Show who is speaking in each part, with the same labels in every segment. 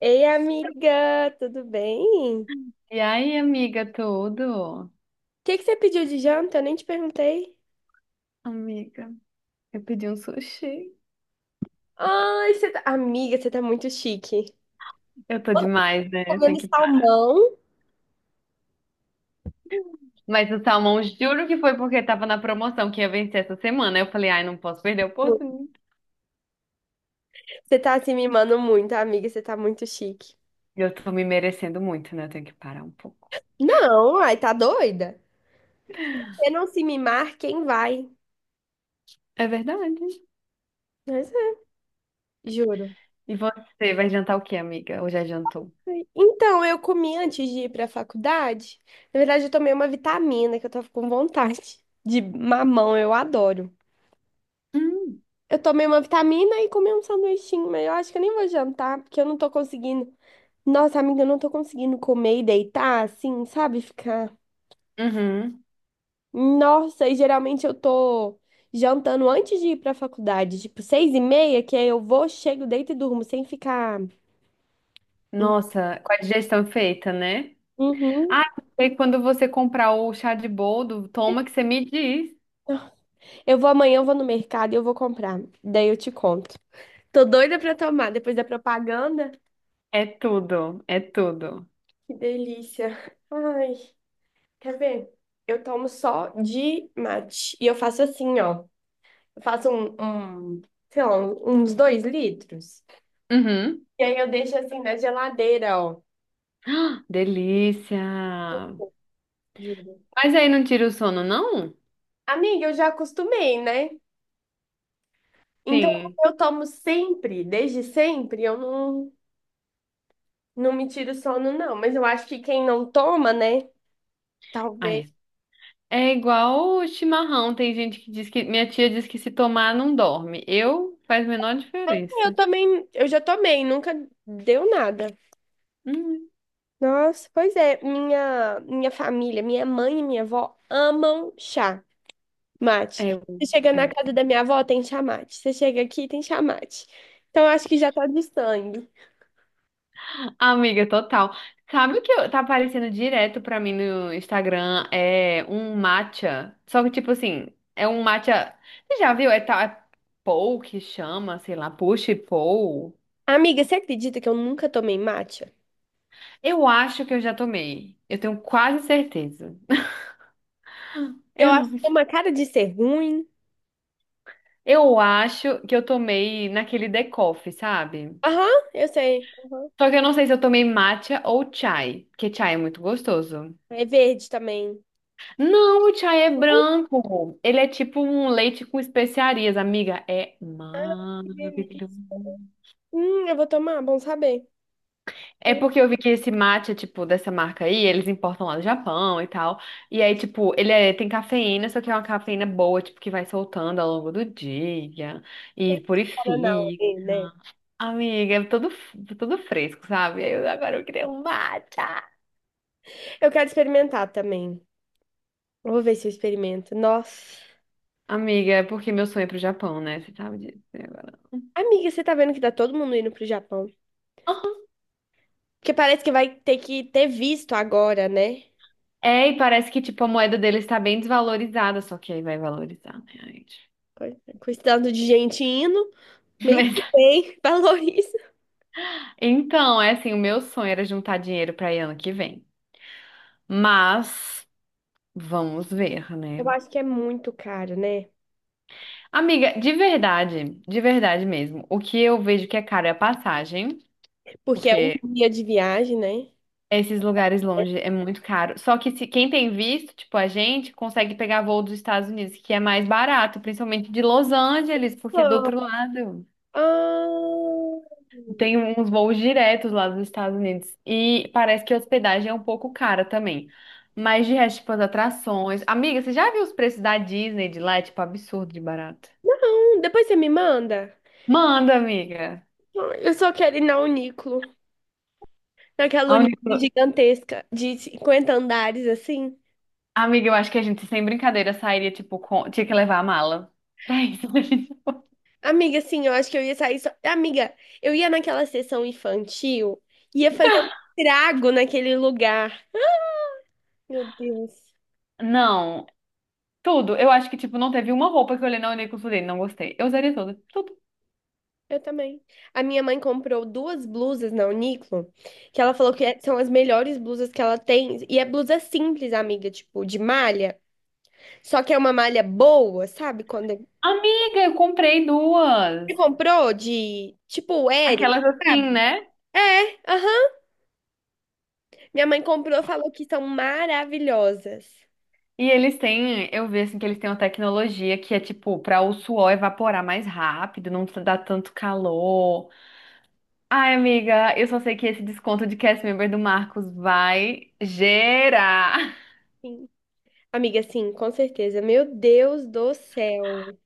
Speaker 1: Ei, amiga, tudo bem? O
Speaker 2: E aí, amiga, tudo?
Speaker 1: que que você pediu de janta? Eu nem te perguntei.
Speaker 2: Amiga, eu pedi um sushi.
Speaker 1: Ai, você tá... Amiga, você tá muito chique.
Speaker 2: Eu tô
Speaker 1: Você
Speaker 2: demais, né? Eu tenho
Speaker 1: comendo
Speaker 2: que parar.
Speaker 1: salmão?
Speaker 2: Mas o salmão, juro que foi porque tava na promoção que ia vencer essa semana. Eu falei, ai, não posso perder a oportunidade.
Speaker 1: Você tá se mimando muito, amiga, você tá muito chique.
Speaker 2: Eu tô me merecendo muito, né? Eu tenho que parar um pouco.
Speaker 1: Não, ai, tá doida? Se não se mimar, quem vai?
Speaker 2: É verdade.
Speaker 1: Mas é, juro.
Speaker 2: E você, vai jantar o quê, amiga? Ou já jantou?
Speaker 1: Então, eu comi antes de ir pra faculdade. Na verdade, eu tomei uma vitamina que eu tava com vontade. De mamão, eu adoro.
Speaker 2: Hum.
Speaker 1: Eu tomei uma vitamina e comi um sanduichinho, mas eu acho que eu nem vou jantar, porque eu não tô conseguindo. Nossa, amiga, eu não tô conseguindo comer e deitar assim, sabe? Ficar.
Speaker 2: Uhum.
Speaker 1: Nossa, e geralmente eu tô jantando antes de ir pra faculdade, tipo 6h30, que aí eu vou, chego, deito e durmo, sem ficar.
Speaker 2: Nossa, com a digestão feita, né?
Speaker 1: Uhum.
Speaker 2: Ah, e quando você comprar o chá de boldo, toma que você me diz.
Speaker 1: Eu vou amanhã, eu vou no mercado e eu vou comprar. Daí eu te conto. Tô doida pra tomar depois da propaganda.
Speaker 2: É tudo, é tudo.
Speaker 1: Que delícia. Ai, quer ver? Eu tomo só de mate. E eu faço assim, ó. Faço sei lá, uns 2 litros.
Speaker 2: Uhum.
Speaker 1: E aí eu deixo assim na geladeira, ó.
Speaker 2: Ah, delícia!
Speaker 1: Juro.
Speaker 2: Mas aí não tira o sono, não?
Speaker 1: Amiga, eu já acostumei, né? Então,
Speaker 2: Sim.
Speaker 1: como eu tomo sempre, desde sempre, eu não, não me tiro sono, não. Mas eu acho que quem não toma, né?
Speaker 2: Ah,
Speaker 1: Talvez.
Speaker 2: é. É igual o chimarrão. Tem gente que diz que. Minha tia diz que se tomar não dorme. Eu faz a menor
Speaker 1: Eu
Speaker 2: diferença.
Speaker 1: também, eu já tomei, nunca deu nada.
Speaker 2: Hum,
Speaker 1: Nossa, pois é, minha família, minha mãe e minha avó amam chá.
Speaker 2: é,
Speaker 1: Mate. Você chega
Speaker 2: é
Speaker 1: na
Speaker 2: muito
Speaker 1: casa
Speaker 2: bom.
Speaker 1: da minha avó, tem chamate. Você chega aqui, tem chamate. Então, eu acho que já tá de sangue.
Speaker 2: Amiga, total. Sabe o que tá aparecendo direto pra mim no Instagram? É um matcha. Só que, tipo assim, é um matcha. Você já viu? É, tal é Pou que chama, sei lá, Push Pou.
Speaker 1: Amiga, você acredita que eu nunca tomei matcha?
Speaker 2: Eu acho que eu já tomei. Eu tenho quase certeza.
Speaker 1: Eu
Speaker 2: Eu
Speaker 1: acho
Speaker 2: não.
Speaker 1: que tem uma cara de ser ruim.
Speaker 2: Eu acho que eu tomei naquele The Coffee, sabe?
Speaker 1: Aham, eu sei. Aham.
Speaker 2: Só que eu não sei se eu tomei matcha ou chai, porque chai é muito gostoso.
Speaker 1: É verde também.
Speaker 2: Não, o chai é
Speaker 1: Hum,
Speaker 2: branco. Ele é tipo um leite com especiarias, amiga. É
Speaker 1: Ah, que delícia.
Speaker 2: maravilhoso.
Speaker 1: Eu vou tomar, bom saber.
Speaker 2: É
Speaker 1: Não
Speaker 2: porque eu vi que esse matcha, tipo, dessa marca aí, eles importam lá do Japão e tal. E aí, tipo, tem cafeína, só que é uma cafeína boa, tipo, que vai soltando ao longo do dia e
Speaker 1: tem Guaraná
Speaker 2: purifica.
Speaker 1: aí, né?
Speaker 2: Amiga, é tudo, tudo fresco, sabe? Agora eu queria um matcha.
Speaker 1: Eu quero experimentar também. Eu vou ver se eu experimento. Nossa.
Speaker 2: Amiga, é porque meu sonho é pro Japão, né? Você sabe disso né, agora.
Speaker 1: Amiga, você tá vendo que tá todo mundo indo pro Japão?
Speaker 2: Aham.
Speaker 1: Porque parece que vai ter que ter visto agora, né?
Speaker 2: É, e parece que, tipo, a moeda deles tá bem desvalorizada, só que aí vai valorizar, né, gente?
Speaker 1: Quantidade de gente indo, mês
Speaker 2: Mas,
Speaker 1: que vem, valoriza.
Speaker 2: então, é assim, o meu sonho era juntar dinheiro pra ir ano que vem. Mas vamos ver, né?
Speaker 1: Eu acho que é muito caro, né?
Speaker 2: Amiga, de verdade mesmo, o que eu vejo que é caro é a passagem,
Speaker 1: Porque é
Speaker 2: porque
Speaker 1: um dia de viagem, né?
Speaker 2: esses lugares longe é muito caro. Só que se quem tem visto, tipo a gente, consegue pegar voo dos Estados Unidos, que é mais barato, principalmente de Los Angeles, porque é do outro
Speaker 1: Ah,
Speaker 2: lado.
Speaker 1: ah,
Speaker 2: Tem uns voos diretos lá dos Estados Unidos. E parece que a hospedagem é um pouco cara também. Mas de resto, tipo, as atrações. Amiga, você já viu os preços da Disney de lá? É, tipo, absurdo de barato.
Speaker 1: não, depois você me manda.
Speaker 2: Manda, amiga.
Speaker 1: Eu só quero ir na Uniclo, naquela
Speaker 2: A
Speaker 1: Uniclo
Speaker 2: única...
Speaker 1: gigantesca de 50 andares, assim.
Speaker 2: Amiga, eu acho que a gente, sem brincadeira, sairia, tipo, com... tinha que levar a mala. Pra isso.
Speaker 1: Amiga, sim, eu acho que eu ia sair só... Amiga, eu ia naquela sessão infantil, ia fazer um estrago naquele lugar. Meu Deus.
Speaker 2: Não, tudo. Eu acho que, tipo, não teve uma roupa que eu olhei na Uniqlo e falei, não gostei. Eu usaria todas. Tudo.
Speaker 1: Eu também. A minha mãe comprou duas blusas na Uniqlo, que ela falou são as melhores blusas que ela tem. E é blusa simples, amiga, tipo, de malha. Só que é uma malha boa, sabe? Quando
Speaker 2: Amiga, eu comprei duas.
Speaker 1: você comprou de, tipo, Eri,
Speaker 2: Aquelas assim,
Speaker 1: sabe?
Speaker 2: né?
Speaker 1: É, aham. Minha mãe comprou, falou que são maravilhosas.
Speaker 2: E eles têm, eu vi assim que eles têm uma tecnologia que é tipo pra o suor evaporar mais rápido, não dá tanto calor. Ai, amiga, eu só sei que esse desconto de cast member do Marcos vai gerar.
Speaker 1: Sim. Amiga, sim, com certeza. Meu Deus do céu.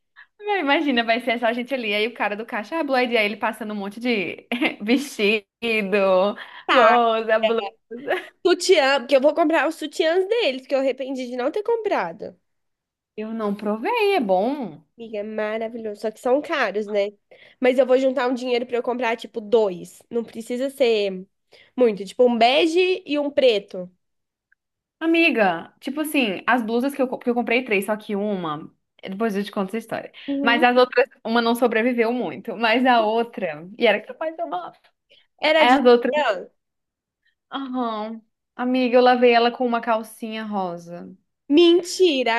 Speaker 2: Imagina, vai ser só a gente ali. Aí o cara do caixa, ah, Blue ID, aí ele passando um monte de vestido,
Speaker 1: Tá,
Speaker 2: bolsa, blusa.
Speaker 1: sutiã, porque eu vou comprar os sutiãs deles, que eu arrependi de não ter comprado.
Speaker 2: Eu não provei, é bom.
Speaker 1: Amiga, é maravilhoso. Só que são caros, né? Mas eu vou juntar um dinheiro pra eu comprar, tipo, dois. Não precisa ser muito. Tipo, um bege e um preto.
Speaker 2: Amiga, tipo assim, as blusas que eu comprei três, só que uma, depois eu te conto essa história. Mas
Speaker 1: Uhum.
Speaker 2: as outras, uma não sobreviveu muito, mas a outra, e era capaz de uma lavar.
Speaker 1: Era
Speaker 2: Aí
Speaker 1: de
Speaker 2: as outras,
Speaker 1: titã?
Speaker 2: aham. Amiga, eu lavei ela com uma calcinha rosa.
Speaker 1: Mentira,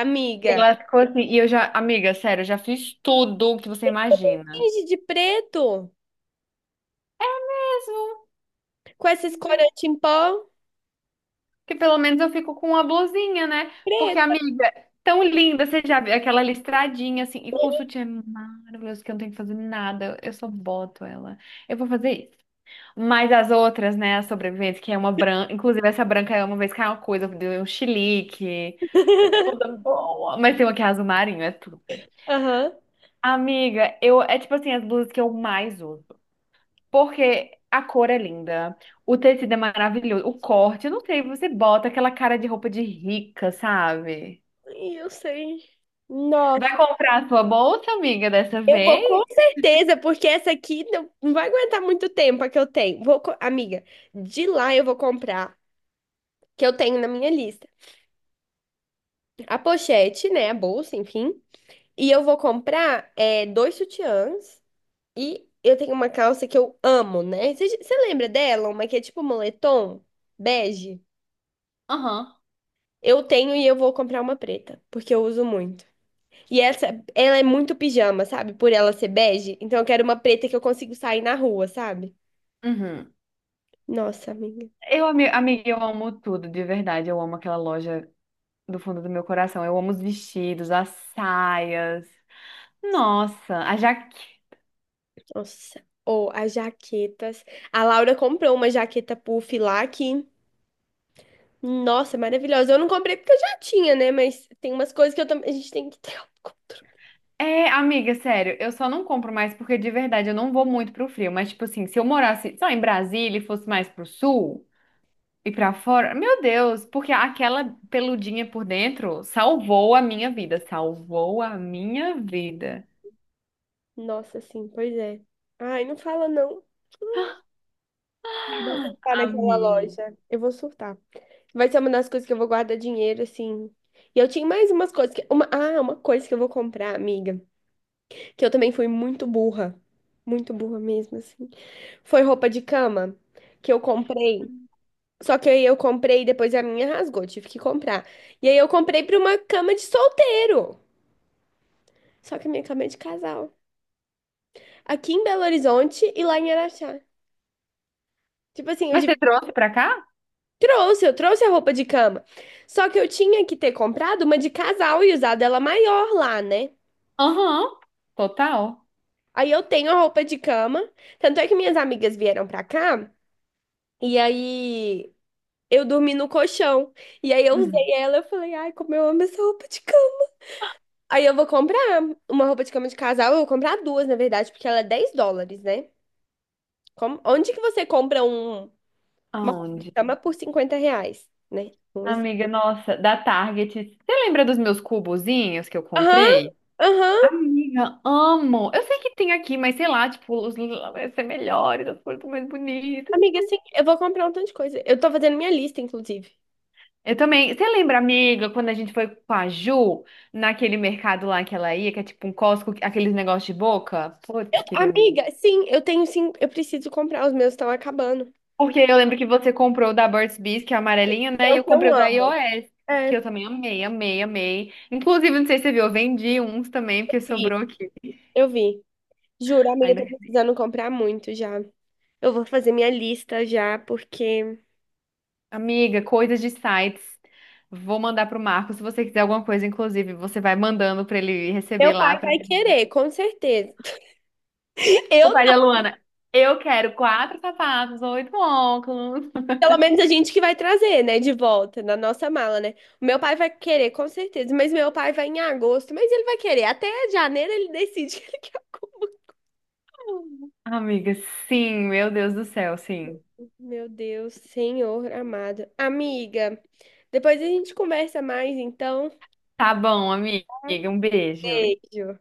Speaker 2: E
Speaker 1: amiga.
Speaker 2: Ela ficou assim, e eu já, amiga, sério, eu já fiz tudo que você imagina.
Speaker 1: Finge de preto. Com esses
Speaker 2: Mesmo.
Speaker 1: corantes em pó.
Speaker 2: Que pelo menos eu fico com uma blusinha, né? Porque,
Speaker 1: Preto.
Speaker 2: amiga, tão linda, você já viu aquela listradinha assim, e com o sutiã é maravilhoso, que eu não tenho que fazer nada, eu só boto ela. Eu vou fazer isso. Mas as outras, né, as sobreviventes, que é uma branca, inclusive essa branca é uma vez que é uma coisa, deu um chilique, é toda boa, mas tem uma que é azul marinho, é tudo.
Speaker 1: Aham.
Speaker 2: Amiga, eu, é tipo assim, as blusas que eu mais uso. Porque a cor é linda, o tecido é maravilhoso, o corte, eu não sei, você bota aquela cara de roupa de rica, sabe?
Speaker 1: Ih, eu sei. Nossa,
Speaker 2: Vai comprar a sua bolsa, amiga, dessa
Speaker 1: eu vou
Speaker 2: vez?
Speaker 1: com certeza, porque essa aqui não vai aguentar muito tempo a que eu tenho. Amiga, de lá eu vou comprar, que eu tenho na minha lista. A pochete, né? A bolsa, enfim. E eu vou comprar é, dois sutiãs. E eu tenho uma calça que eu amo, né? Você lembra dela? Uma que é tipo moletom, bege?
Speaker 2: Aham.
Speaker 1: Eu tenho e eu vou comprar uma preta, porque eu uso muito. E essa, ela é muito pijama, sabe? Por ela ser bege. Então eu quero uma preta que eu consigo sair na rua, sabe?
Speaker 2: Uhum.
Speaker 1: Nossa, amiga.
Speaker 2: Eu, amiga, eu amo tudo, de verdade. Eu amo aquela loja do fundo do meu coração. Eu amo os vestidos, as saias. Nossa, a jaque.
Speaker 1: Nossa. Ou as jaquetas. A Laura comprou uma jaqueta puff lá que. Nossa, maravilhosa. Eu não comprei porque eu já tinha, né? Mas tem umas coisas que eu também. A gente tem que ter autocontrole.
Speaker 2: É, amiga, sério, eu só não compro mais porque de verdade eu não vou muito pro frio. Mas, tipo assim, se eu morasse só em Brasília e fosse mais pro sul. E pra fora? Meu Deus, porque aquela peludinha por dentro salvou a minha vida. Salvou a minha vida.
Speaker 1: Nossa, sim, pois é. Ai, não fala não. Eu vou surtar naquela
Speaker 2: Amiga.
Speaker 1: loja. Eu vou surtar. Vai ser uma das coisas que eu vou guardar dinheiro, assim. E eu tinha mais umas coisas que. Uma... Ah, uma coisa que eu vou comprar, amiga. Que eu também fui muito burra. Muito burra mesmo, assim. Foi roupa de cama que eu comprei. Só que aí eu comprei e depois a minha rasgou, tive que comprar. E aí eu comprei pra uma cama de solteiro. Só que eu me acabei de casar. Aqui em Belo Horizonte e lá em Araxá. Tipo assim, eu
Speaker 2: Mas
Speaker 1: de-
Speaker 2: você trouxe pra cá?
Speaker 1: trouxe, eu trouxe a roupa de cama. Só que eu tinha que ter comprado uma de casal e usado ela maior lá, né?
Speaker 2: Aham, total.
Speaker 1: Aí eu tenho a roupa de cama. Tanto é que minhas amigas vieram pra cá e aí eu dormi no colchão. E aí eu
Speaker 2: Uhum.
Speaker 1: usei ela, eu falei, ai, como eu amo essa roupa de cama. Aí eu vou comprar uma roupa de cama de casal, eu vou comprar duas, na verdade, porque ela é 10 dólares, né? Onde que você compra um uma
Speaker 2: Aonde?
Speaker 1: chama por R$ 50, né? Vamos assim.
Speaker 2: Amiga, nossa, da Target. Você lembra dos meus cubozinhos que eu
Speaker 1: Aham,
Speaker 2: comprei?
Speaker 1: aham.
Speaker 2: Amiga, amo. Eu sei que tem aqui, mas sei lá, tipo, os vai ser melhores, as coisas mais bonitas.
Speaker 1: Amiga, sim, eu vou comprar um tanto de coisa. Eu tô fazendo minha lista, inclusive.
Speaker 2: Eu também. Você lembra, amiga, quando a gente foi com a Ju naquele mercado lá que ela ia, que é tipo um Costco, aqueles negócios de boca? Putz, queria muito.
Speaker 1: Amiga, sim, eu tenho sim, eu preciso comprar, os meus estão acabando.
Speaker 2: Porque eu lembro que você comprou o da Burt's Bees, que é amarelinho,
Speaker 1: É
Speaker 2: né? E
Speaker 1: o
Speaker 2: eu
Speaker 1: que eu
Speaker 2: comprei o da
Speaker 1: amo.
Speaker 2: iOS,
Speaker 1: É,
Speaker 2: que eu também amei, amei, amei. Inclusive, não sei se você viu, eu vendi uns também, porque
Speaker 1: vi,
Speaker 2: sobrou aqui.
Speaker 1: eu vi. Juro, amiga, eu
Speaker 2: Ainda.
Speaker 1: tô precisando comprar muito já. Eu vou fazer minha lista já, porque
Speaker 2: Amiga, coisas de sites. Vou mandar pro Marco. Se você quiser alguma coisa, inclusive, você vai mandando pra ele receber
Speaker 1: meu
Speaker 2: lá.
Speaker 1: pai
Speaker 2: Pra...
Speaker 1: vai querer, com certeza.
Speaker 2: O
Speaker 1: Eu
Speaker 2: pai da Luana. Eu quero quatro sapatos, oito óculos.
Speaker 1: pelo menos a gente que vai trazer, né, de volta na nossa mala, né? O meu pai vai querer, com certeza, mas meu pai vai em agosto, mas ele vai querer. Até janeiro ele decide que ele quer alguma.
Speaker 2: Amiga, sim, meu Deus do céu, sim.
Speaker 1: Meu Deus, Senhor amado. Amiga, depois a gente conversa mais, então.
Speaker 2: Tá bom, amiga, um beijo.
Speaker 1: Beijo.